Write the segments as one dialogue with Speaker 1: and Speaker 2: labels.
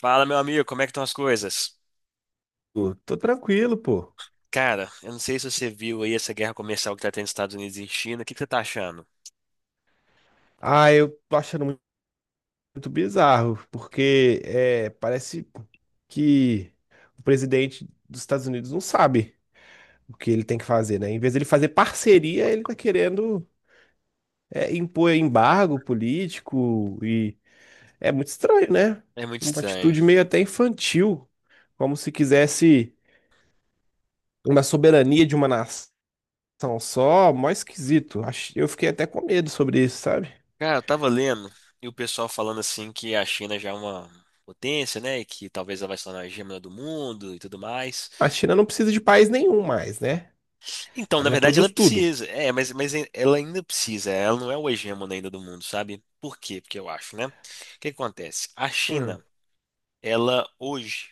Speaker 1: Fala, meu amigo, como é que estão as coisas?
Speaker 2: Tô tranquilo, pô.
Speaker 1: Cara, eu não sei se você viu aí essa guerra comercial que tá tendo nos Estados Unidos e China. O que que você tá achando?
Speaker 2: Eu tô achando muito bizarro, porque parece que o presidente dos Estados Unidos não sabe o que ele tem que fazer, né? Em vez de ele fazer parceria, ele tá querendo impor embargo político e é muito estranho, né?
Speaker 1: É muito
Speaker 2: Uma
Speaker 1: estranho.
Speaker 2: atitude meio até infantil, como se quisesse uma soberania de uma nação só, mó esquisito. Eu fiquei até com medo sobre isso, sabe?
Speaker 1: Cara, eu tava lendo e o pessoal falando assim que a China já é uma potência, né? E que talvez ela vai se tornar a hegemonia do mundo e tudo mais.
Speaker 2: A China não precisa de país nenhum mais, né?
Speaker 1: Então,
Speaker 2: Ela
Speaker 1: na verdade, ela
Speaker 2: reproduz tudo.
Speaker 1: precisa. É, mas ela ainda precisa. Ela não é o hegemona ainda do mundo, sabe? Por quê? Porque eu acho, né? O que que acontece? A
Speaker 2: Hum,
Speaker 1: China, ela hoje.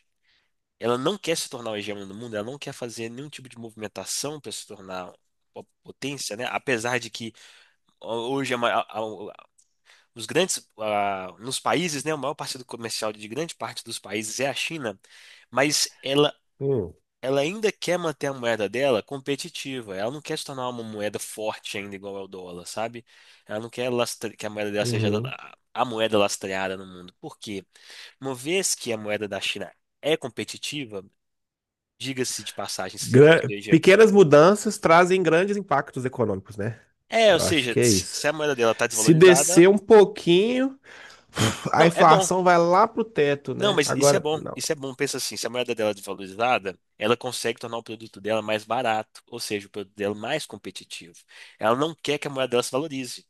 Speaker 1: Ela não quer se tornar o hegemona do mundo, ela não quer fazer nenhum tipo de movimentação para se tornar uma potência, né? Apesar de que hoje a ma- a- os grandes nos países, né, o maior parceiro comercial de grande parte dos países é a China, mas ela
Speaker 2: hum,
Speaker 1: ela ainda quer manter a moeda dela competitiva. Ela não quer se tornar uma moeda forte ainda igual ao dólar, sabe? Ela não quer que a moeda dela seja
Speaker 2: uhum.
Speaker 1: a moeda lastreada no mundo. Por quê? Uma vez que a moeda da China é competitiva, diga-se de passagem, ou seja,
Speaker 2: Pequenas mudanças trazem grandes impactos econômicos, né? Eu acho que é
Speaker 1: se
Speaker 2: isso.
Speaker 1: a moeda dela tá
Speaker 2: Se
Speaker 1: desvalorizada.
Speaker 2: descer um pouquinho, a
Speaker 1: Não, é bom.
Speaker 2: inflação vai lá pro teto,
Speaker 1: Não,
Speaker 2: né?
Speaker 1: mas isso é
Speaker 2: Agora,
Speaker 1: bom.
Speaker 2: não.
Speaker 1: Isso é bom. Pensa assim, se a moeda dela é desvalorizada, ela consegue tornar o produto dela mais barato, ou seja, o produto dela mais competitivo. Ela não quer que a moeda dela se valorize.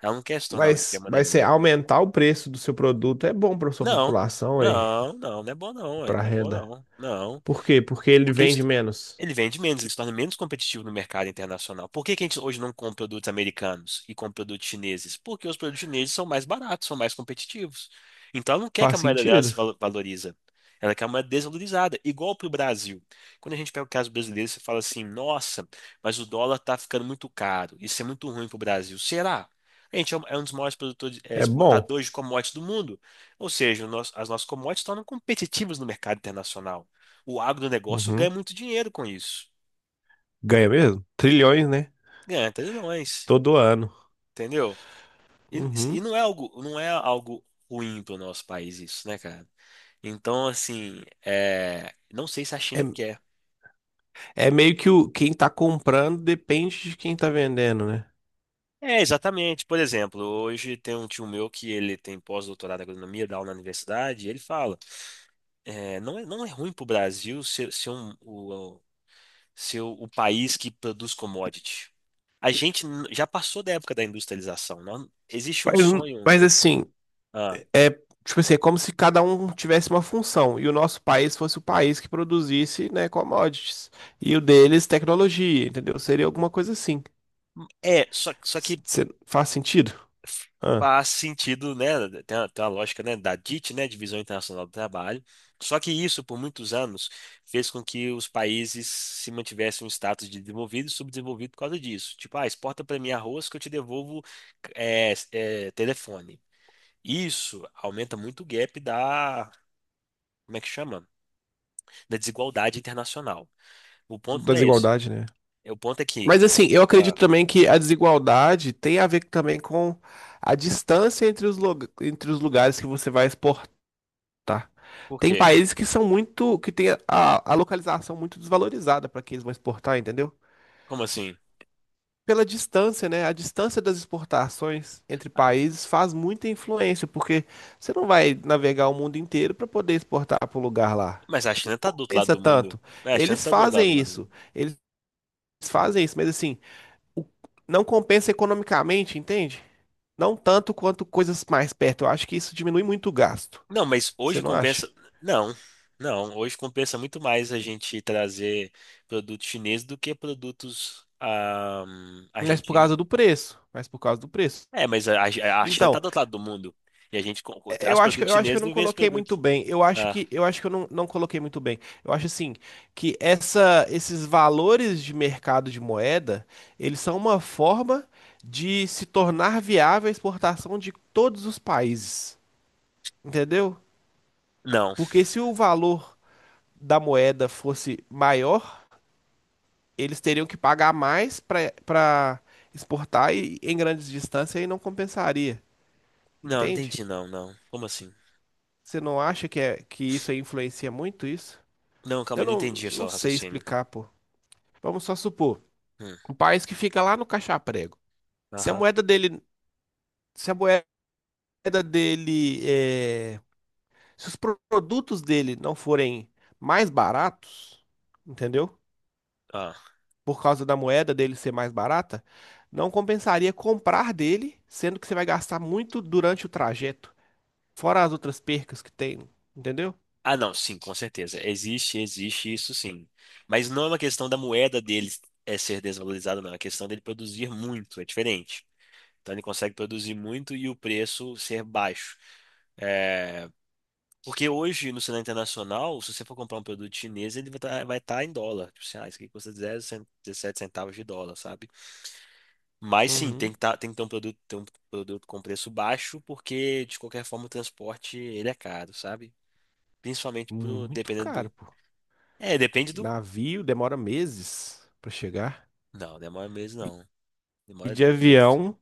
Speaker 1: Ela não quer se tornar uma
Speaker 2: Mas
Speaker 1: hegemona
Speaker 2: vai ser
Speaker 1: ainda.
Speaker 2: aumentar o preço do seu produto é bom para sua
Speaker 1: Não.
Speaker 2: população e
Speaker 1: Não, não, não é bom não, ué,
Speaker 2: para
Speaker 1: não é bom
Speaker 2: renda.
Speaker 1: não. Não.
Speaker 2: Por quê? Porque ele
Speaker 1: Porque
Speaker 2: vende
Speaker 1: eles,
Speaker 2: menos.
Speaker 1: ele vende menos, ele se torna menos competitivo no mercado internacional. Por que que a gente hoje não compra produtos americanos e compra produtos chineses? Porque os produtos chineses são mais baratos, são mais competitivos. Então ela não quer que
Speaker 2: Faz
Speaker 1: a moeda dela se
Speaker 2: sentido.
Speaker 1: valo- valoriza. Ela quer uma moeda desvalorizada, igual para o Brasil. Quando a gente pega o caso brasileiro, você fala assim: nossa, mas o dólar está ficando muito caro, isso é muito ruim para o Brasil. Será? A gente é um dos maiores produtores,
Speaker 2: É bom.
Speaker 1: exportadores de commodities do mundo. Ou seja, as nossas commodities se tornam competitivas no mercado internacional. O agronegócio ganha
Speaker 2: Uhum.
Speaker 1: muito dinheiro com isso.
Speaker 2: Ganha mesmo? Trilhões, né?
Speaker 1: Ganha até de nós,
Speaker 2: Todo ano.
Speaker 1: entendeu? E, e
Speaker 2: Uhum.
Speaker 1: não é algo ruim para o nosso país isso, né, cara? Então, assim, não sei se a
Speaker 2: É,
Speaker 1: China quer.
Speaker 2: É meio que quem tá comprando depende de quem tá vendendo, né?
Speaker 1: É, exatamente. Por exemplo, hoje tem um tio meu que ele tem pós-doutorado em agronomia, dá aula na universidade, e ele fala, não é ruim para o Brasil ser o país que produz commodity. A gente já passou da época da industrialização. Não? Existe um
Speaker 2: Mas,
Speaker 1: sonho.
Speaker 2: mas assim, é tipo assim, é como se cada um tivesse uma função e o nosso país fosse o país que produzisse, né, commodities e o deles tecnologia, entendeu? Seria alguma coisa assim.
Speaker 1: É, só que
Speaker 2: Faz sentido? Ah,
Speaker 1: faz sentido, né? Tem uma lógica, né, da DIT, né, Divisão Internacional do Trabalho. Só que isso, por muitos anos, fez com que os países se mantivessem um status de desenvolvido e subdesenvolvido por causa disso. Tipo, exporta para mim arroz que eu te devolvo telefone. Isso aumenta muito o gap da, como é que chama? Da desigualdade internacional. O ponto
Speaker 2: da
Speaker 1: não é esse.
Speaker 2: desigualdade, né?
Speaker 1: O ponto é que,
Speaker 2: Mas assim, eu
Speaker 1: ah,
Speaker 2: acredito também que a desigualdade tem a ver também com a distância entre entre os lugares que você vai exportar. Tá.
Speaker 1: por
Speaker 2: Tem
Speaker 1: quê?
Speaker 2: países que são muito, que tem a localização muito desvalorizada para quem eles vão exportar, entendeu?
Speaker 1: Como assim?
Speaker 2: Pela distância, né? A distância das exportações entre países faz muita influência, porque você não vai navegar o mundo inteiro para poder exportar para o lugar lá.
Speaker 1: Mas a
Speaker 2: Não
Speaker 1: China tá do outro lado
Speaker 2: compensa
Speaker 1: do mundo.
Speaker 2: tanto.
Speaker 1: É, a China
Speaker 2: Eles
Speaker 1: tá do outro lado,
Speaker 2: fazem
Speaker 1: mano.
Speaker 2: isso, eles fazem isso, mas assim, o- não compensa economicamente, entende? Não tanto quanto coisas mais perto. Eu acho que isso diminui muito o gasto.
Speaker 1: Não, mas
Speaker 2: Você
Speaker 1: hoje
Speaker 2: não acha?
Speaker 1: compensa. Não, não. Hoje compensa muito mais a gente trazer produtos chineses do que produtos
Speaker 2: Mas por
Speaker 1: argentinos.
Speaker 2: causa do preço. Mas por causa do preço.
Speaker 1: É, mas a China tá
Speaker 2: Então,
Speaker 1: do outro lado do mundo. E a gente traz
Speaker 2: eu
Speaker 1: produtos
Speaker 2: acho que eu
Speaker 1: chineses
Speaker 2: não
Speaker 1: e vê esse
Speaker 2: coloquei muito
Speaker 1: produto.
Speaker 2: bem. Eu
Speaker 1: Ah,
Speaker 2: acho que eu não coloquei muito bem. Eu acho assim que essa esses valores de mercado de moeda, eles são uma forma de se tornar viável a exportação de todos os países, entendeu?
Speaker 1: não.
Speaker 2: Porque se o valor da moeda fosse maior, eles teriam que pagar mais para exportar e, em grandes distâncias e não compensaria,
Speaker 1: Não, não
Speaker 2: entende?
Speaker 1: entendi, não, não. Como assim?
Speaker 2: Você não acha que isso aí influencia muito isso?
Speaker 1: Não, calma
Speaker 2: Eu
Speaker 1: aí, não entendi o seu
Speaker 2: não sei
Speaker 1: raciocínio.
Speaker 2: explicar, pô. Vamos só supor,
Speaker 1: Hum,
Speaker 2: um país que fica lá no caixa. Se a
Speaker 1: aham.
Speaker 2: moeda se a moeda dele, se os produtos dele não forem mais baratos, entendeu?
Speaker 1: Ah.
Speaker 2: Por causa da moeda dele ser mais barata, não compensaria comprar dele, sendo que você vai gastar muito durante o trajeto, fora as outras percas que tem, entendeu?
Speaker 1: Ah, não, sim, com certeza. Existe isso sim. Mas não é uma questão da moeda dele é ser desvalorizada, não. É uma questão dele produzir muito, é diferente. Então ele consegue produzir muito e o preço ser baixo. É, porque hoje, no cenário internacional, se você for comprar um produto chinês, ele vai tá em dólar. Tipo assim, isso aqui custa 0, dezessete centavos de dólar, sabe? Mas sim, tem
Speaker 2: Uhum.
Speaker 1: que, tá, tem que ter um produto com preço baixo, porque de qualquer forma o transporte ele é caro, sabe? Principalmente pro,
Speaker 2: Muito
Speaker 1: dependendo
Speaker 2: caro,
Speaker 1: do.
Speaker 2: pô.
Speaker 1: É, depende do.
Speaker 2: Navio demora meses pra chegar.
Speaker 1: Não, demora meses não.
Speaker 2: E
Speaker 1: Demora
Speaker 2: de
Speaker 1: dias.
Speaker 2: avião.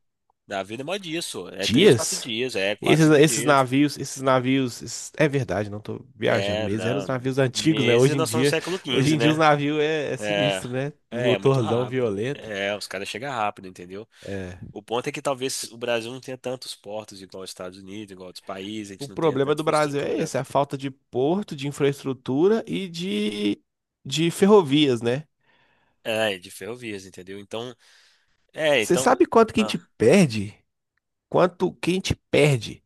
Speaker 1: Na vida demora dias, só. É três, quatro
Speaker 2: Dias?
Speaker 1: dias, é quatro, cinco dias.
Speaker 2: É verdade, não tô viajando
Speaker 1: É,
Speaker 2: mesmo, eram os
Speaker 1: não.
Speaker 2: navios antigos, né?
Speaker 1: Meses nós estamos no século
Speaker 2: Hoje
Speaker 1: XV,
Speaker 2: em dia os
Speaker 1: né?
Speaker 2: navios é
Speaker 1: É.
Speaker 2: sinistro, né? Um
Speaker 1: É muito
Speaker 2: motorzão
Speaker 1: rápido.
Speaker 2: violento.
Speaker 1: É, os caras chegam rápido, entendeu?
Speaker 2: É.
Speaker 1: O ponto é que talvez o Brasil não tenha tantos portos igual os Estados Unidos, igual outros países, a
Speaker 2: O
Speaker 1: gente não tenha
Speaker 2: problema
Speaker 1: tanta
Speaker 2: do Brasil é
Speaker 1: infraestrutura.
Speaker 2: esse, a falta de porto, de infraestrutura de ferrovias, né?
Speaker 1: É, de ferrovias, entendeu? Então,
Speaker 2: Você
Speaker 1: então.
Speaker 2: sabe quanto que a
Speaker 1: Ah,
Speaker 2: gente perde? Quanto que a gente perde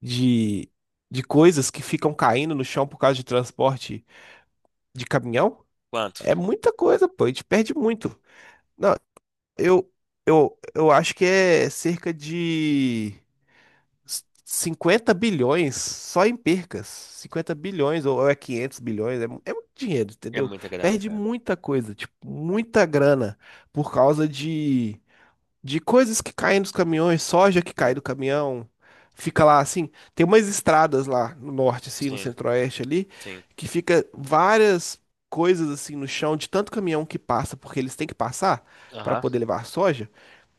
Speaker 2: de, de coisas que ficam caindo no chão por causa de transporte de caminhão?
Speaker 1: quanto?
Speaker 2: É muita coisa, pô, a gente perde muito. Não, Eu, eu acho que é cerca de 50 bilhões só em percas. 50 bilhões ou é 500 bilhões, é muito dinheiro,
Speaker 1: É
Speaker 2: entendeu?
Speaker 1: muita grana,
Speaker 2: Perde
Speaker 1: cara.
Speaker 2: muita coisa, tipo, muita grana por causa de coisas que caem nos caminhões, soja que cai
Speaker 1: Sim,
Speaker 2: do caminhão. Fica lá assim, tem umas estradas lá no norte assim, no
Speaker 1: sim,
Speaker 2: centro-oeste ali,
Speaker 1: sim.
Speaker 2: que fica várias coisas assim no chão de tanto caminhão que passa, porque eles têm que passar para
Speaker 1: Aham.
Speaker 2: poder levar soja.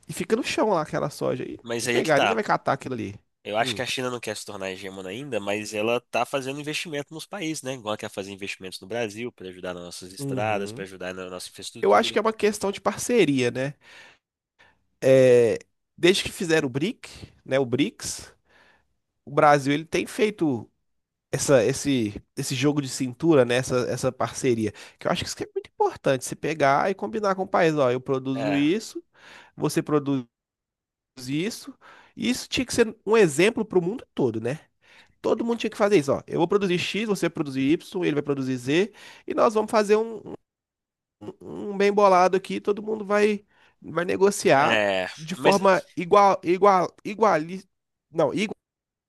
Speaker 2: E fica no chão lá aquela soja. E
Speaker 1: Mas aí é que
Speaker 2: pegar, ninguém
Speaker 1: tá.
Speaker 2: vai catar aquilo ali.
Speaker 1: Eu acho que
Speaker 2: Hum.
Speaker 1: a China não quer se tornar hegemona ainda, mas ela está fazendo investimento nos países, né? Igual ela quer fazer investimentos no Brasil para ajudar nas nossas estradas, para
Speaker 2: Uhum.
Speaker 1: ajudar na nossa
Speaker 2: Eu acho
Speaker 1: infraestrutura.
Speaker 2: que é uma questão de parceria, né? É, desde que fizeram o BRIC, né, o BRICS, o Brasil ele tem feito esse jogo de cintura, né, essa parceria, que eu acho que isso que é muito importante, você pegar e combinar com o país, ó, eu produzo
Speaker 1: É,
Speaker 2: isso, você produz isso, e isso tinha que ser um exemplo para o mundo todo, né? Todo mundo tinha que fazer isso, ó. Eu vou produzir X, você vai produzir Y, ele vai produzir Z, e nós vamos fazer um bem bolado aqui, todo mundo vai negociar
Speaker 1: é,
Speaker 2: de
Speaker 1: mas,
Speaker 2: forma não,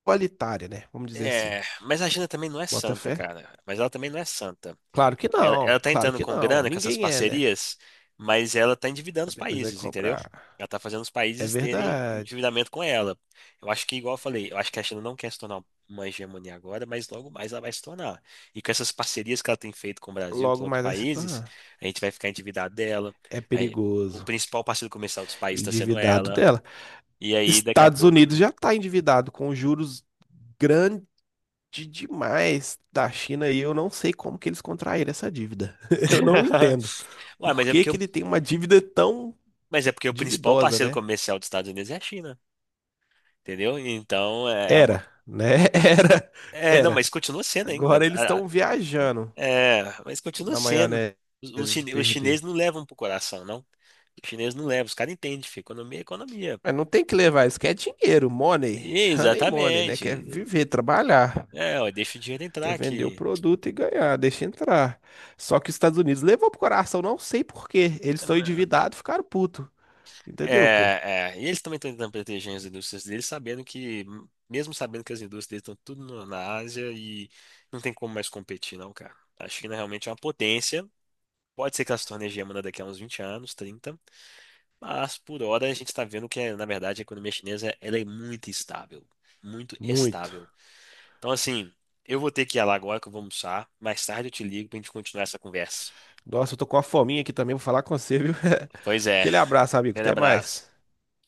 Speaker 2: igualitária, né? Vamos dizer assim.
Speaker 1: mas a China também não é
Speaker 2: Bota
Speaker 1: santa,
Speaker 2: fé?
Speaker 1: cara. Mas ela também não é santa.
Speaker 2: Claro que
Speaker 1: Ela,
Speaker 2: não,
Speaker 1: ela tá
Speaker 2: claro
Speaker 1: entrando
Speaker 2: que
Speaker 1: com
Speaker 2: não.
Speaker 1: grana, com essas
Speaker 2: Ninguém é, né?
Speaker 1: parcerias, mas ela tá endividando os
Speaker 2: Mas depois vai
Speaker 1: países, entendeu?
Speaker 2: cobrar.
Speaker 1: Ela tá fazendo os
Speaker 2: É
Speaker 1: países terem
Speaker 2: verdade.
Speaker 1: endividamento com ela. Eu acho que, igual eu falei, eu acho que a China não quer se tornar uma hegemonia agora, mas logo mais ela vai se tornar. E com essas parcerias que ela tem feito com o Brasil, com
Speaker 2: Logo
Speaker 1: outros
Speaker 2: mais vai se
Speaker 1: países,
Speaker 2: tornar.
Speaker 1: a gente vai ficar endividado dela.
Speaker 2: É
Speaker 1: Aí, o
Speaker 2: perigoso.
Speaker 1: principal parceiro comercial dos países está sendo
Speaker 2: Endividado
Speaker 1: ela.
Speaker 2: dela.
Speaker 1: E aí, daqui a
Speaker 2: Estados
Speaker 1: pouco.
Speaker 2: Unidos já está endividado com juros de demais da China e eu não sei como que eles contraíram essa dívida. Eu não entendo.
Speaker 1: Ué,
Speaker 2: Por que que ele tem uma dívida tão
Speaker 1: mas é porque o principal
Speaker 2: dividosa,
Speaker 1: parceiro
Speaker 2: né?
Speaker 1: comercial dos Estados Unidos é a China, entendeu? Então, é é uma
Speaker 2: Era, né? Era,
Speaker 1: É, não, mas
Speaker 2: era.
Speaker 1: continua sendo ainda.
Speaker 2: Agora eles estão viajando
Speaker 1: É, mas continua
Speaker 2: na
Speaker 1: sendo.
Speaker 2: maionese
Speaker 1: Os, os
Speaker 2: de
Speaker 1: chine- os chineses
Speaker 2: perder.
Speaker 1: não levam pro coração, não. Os chineses não levam, os caras entendem, filho. Economia é economia.
Speaker 2: Mas não tem que levar, isso quer dinheiro, money, honey money, né? Quer
Speaker 1: Exatamente.
Speaker 2: viver, trabalhar.
Speaker 1: É, ó, deixa o dinheiro entrar
Speaker 2: Quer vender o
Speaker 1: aqui.
Speaker 2: produto e ganhar, deixa entrar. Só que os Estados Unidos levou pro coração, não sei por quê. Eles estão endividados, e ficaram puto.
Speaker 1: É,
Speaker 2: Entendeu, pô?
Speaker 1: é, é. E eles também estão tentando proteger as indústrias deles, sabendo que, mesmo sabendo que as indústrias deles estão tudo na Ásia e não tem como mais competir, não, cara. A China realmente é uma potência. Pode ser que ela se torne hegemona daqui a uns 20 anos, 30. Mas por hora a gente está vendo que, na verdade, a economia chinesa ela é muito estável, muito
Speaker 2: Muito.
Speaker 1: estável. Então, assim, eu vou ter que ir lá agora que eu vou almoçar. Mais tarde eu te ligo para a gente continuar essa conversa.
Speaker 2: Nossa, eu tô com uma fominha aqui também, vou falar com você, viu?
Speaker 1: Pois é,
Speaker 2: Aquele abraço, amigo.
Speaker 1: grande
Speaker 2: Até
Speaker 1: abraço.
Speaker 2: mais.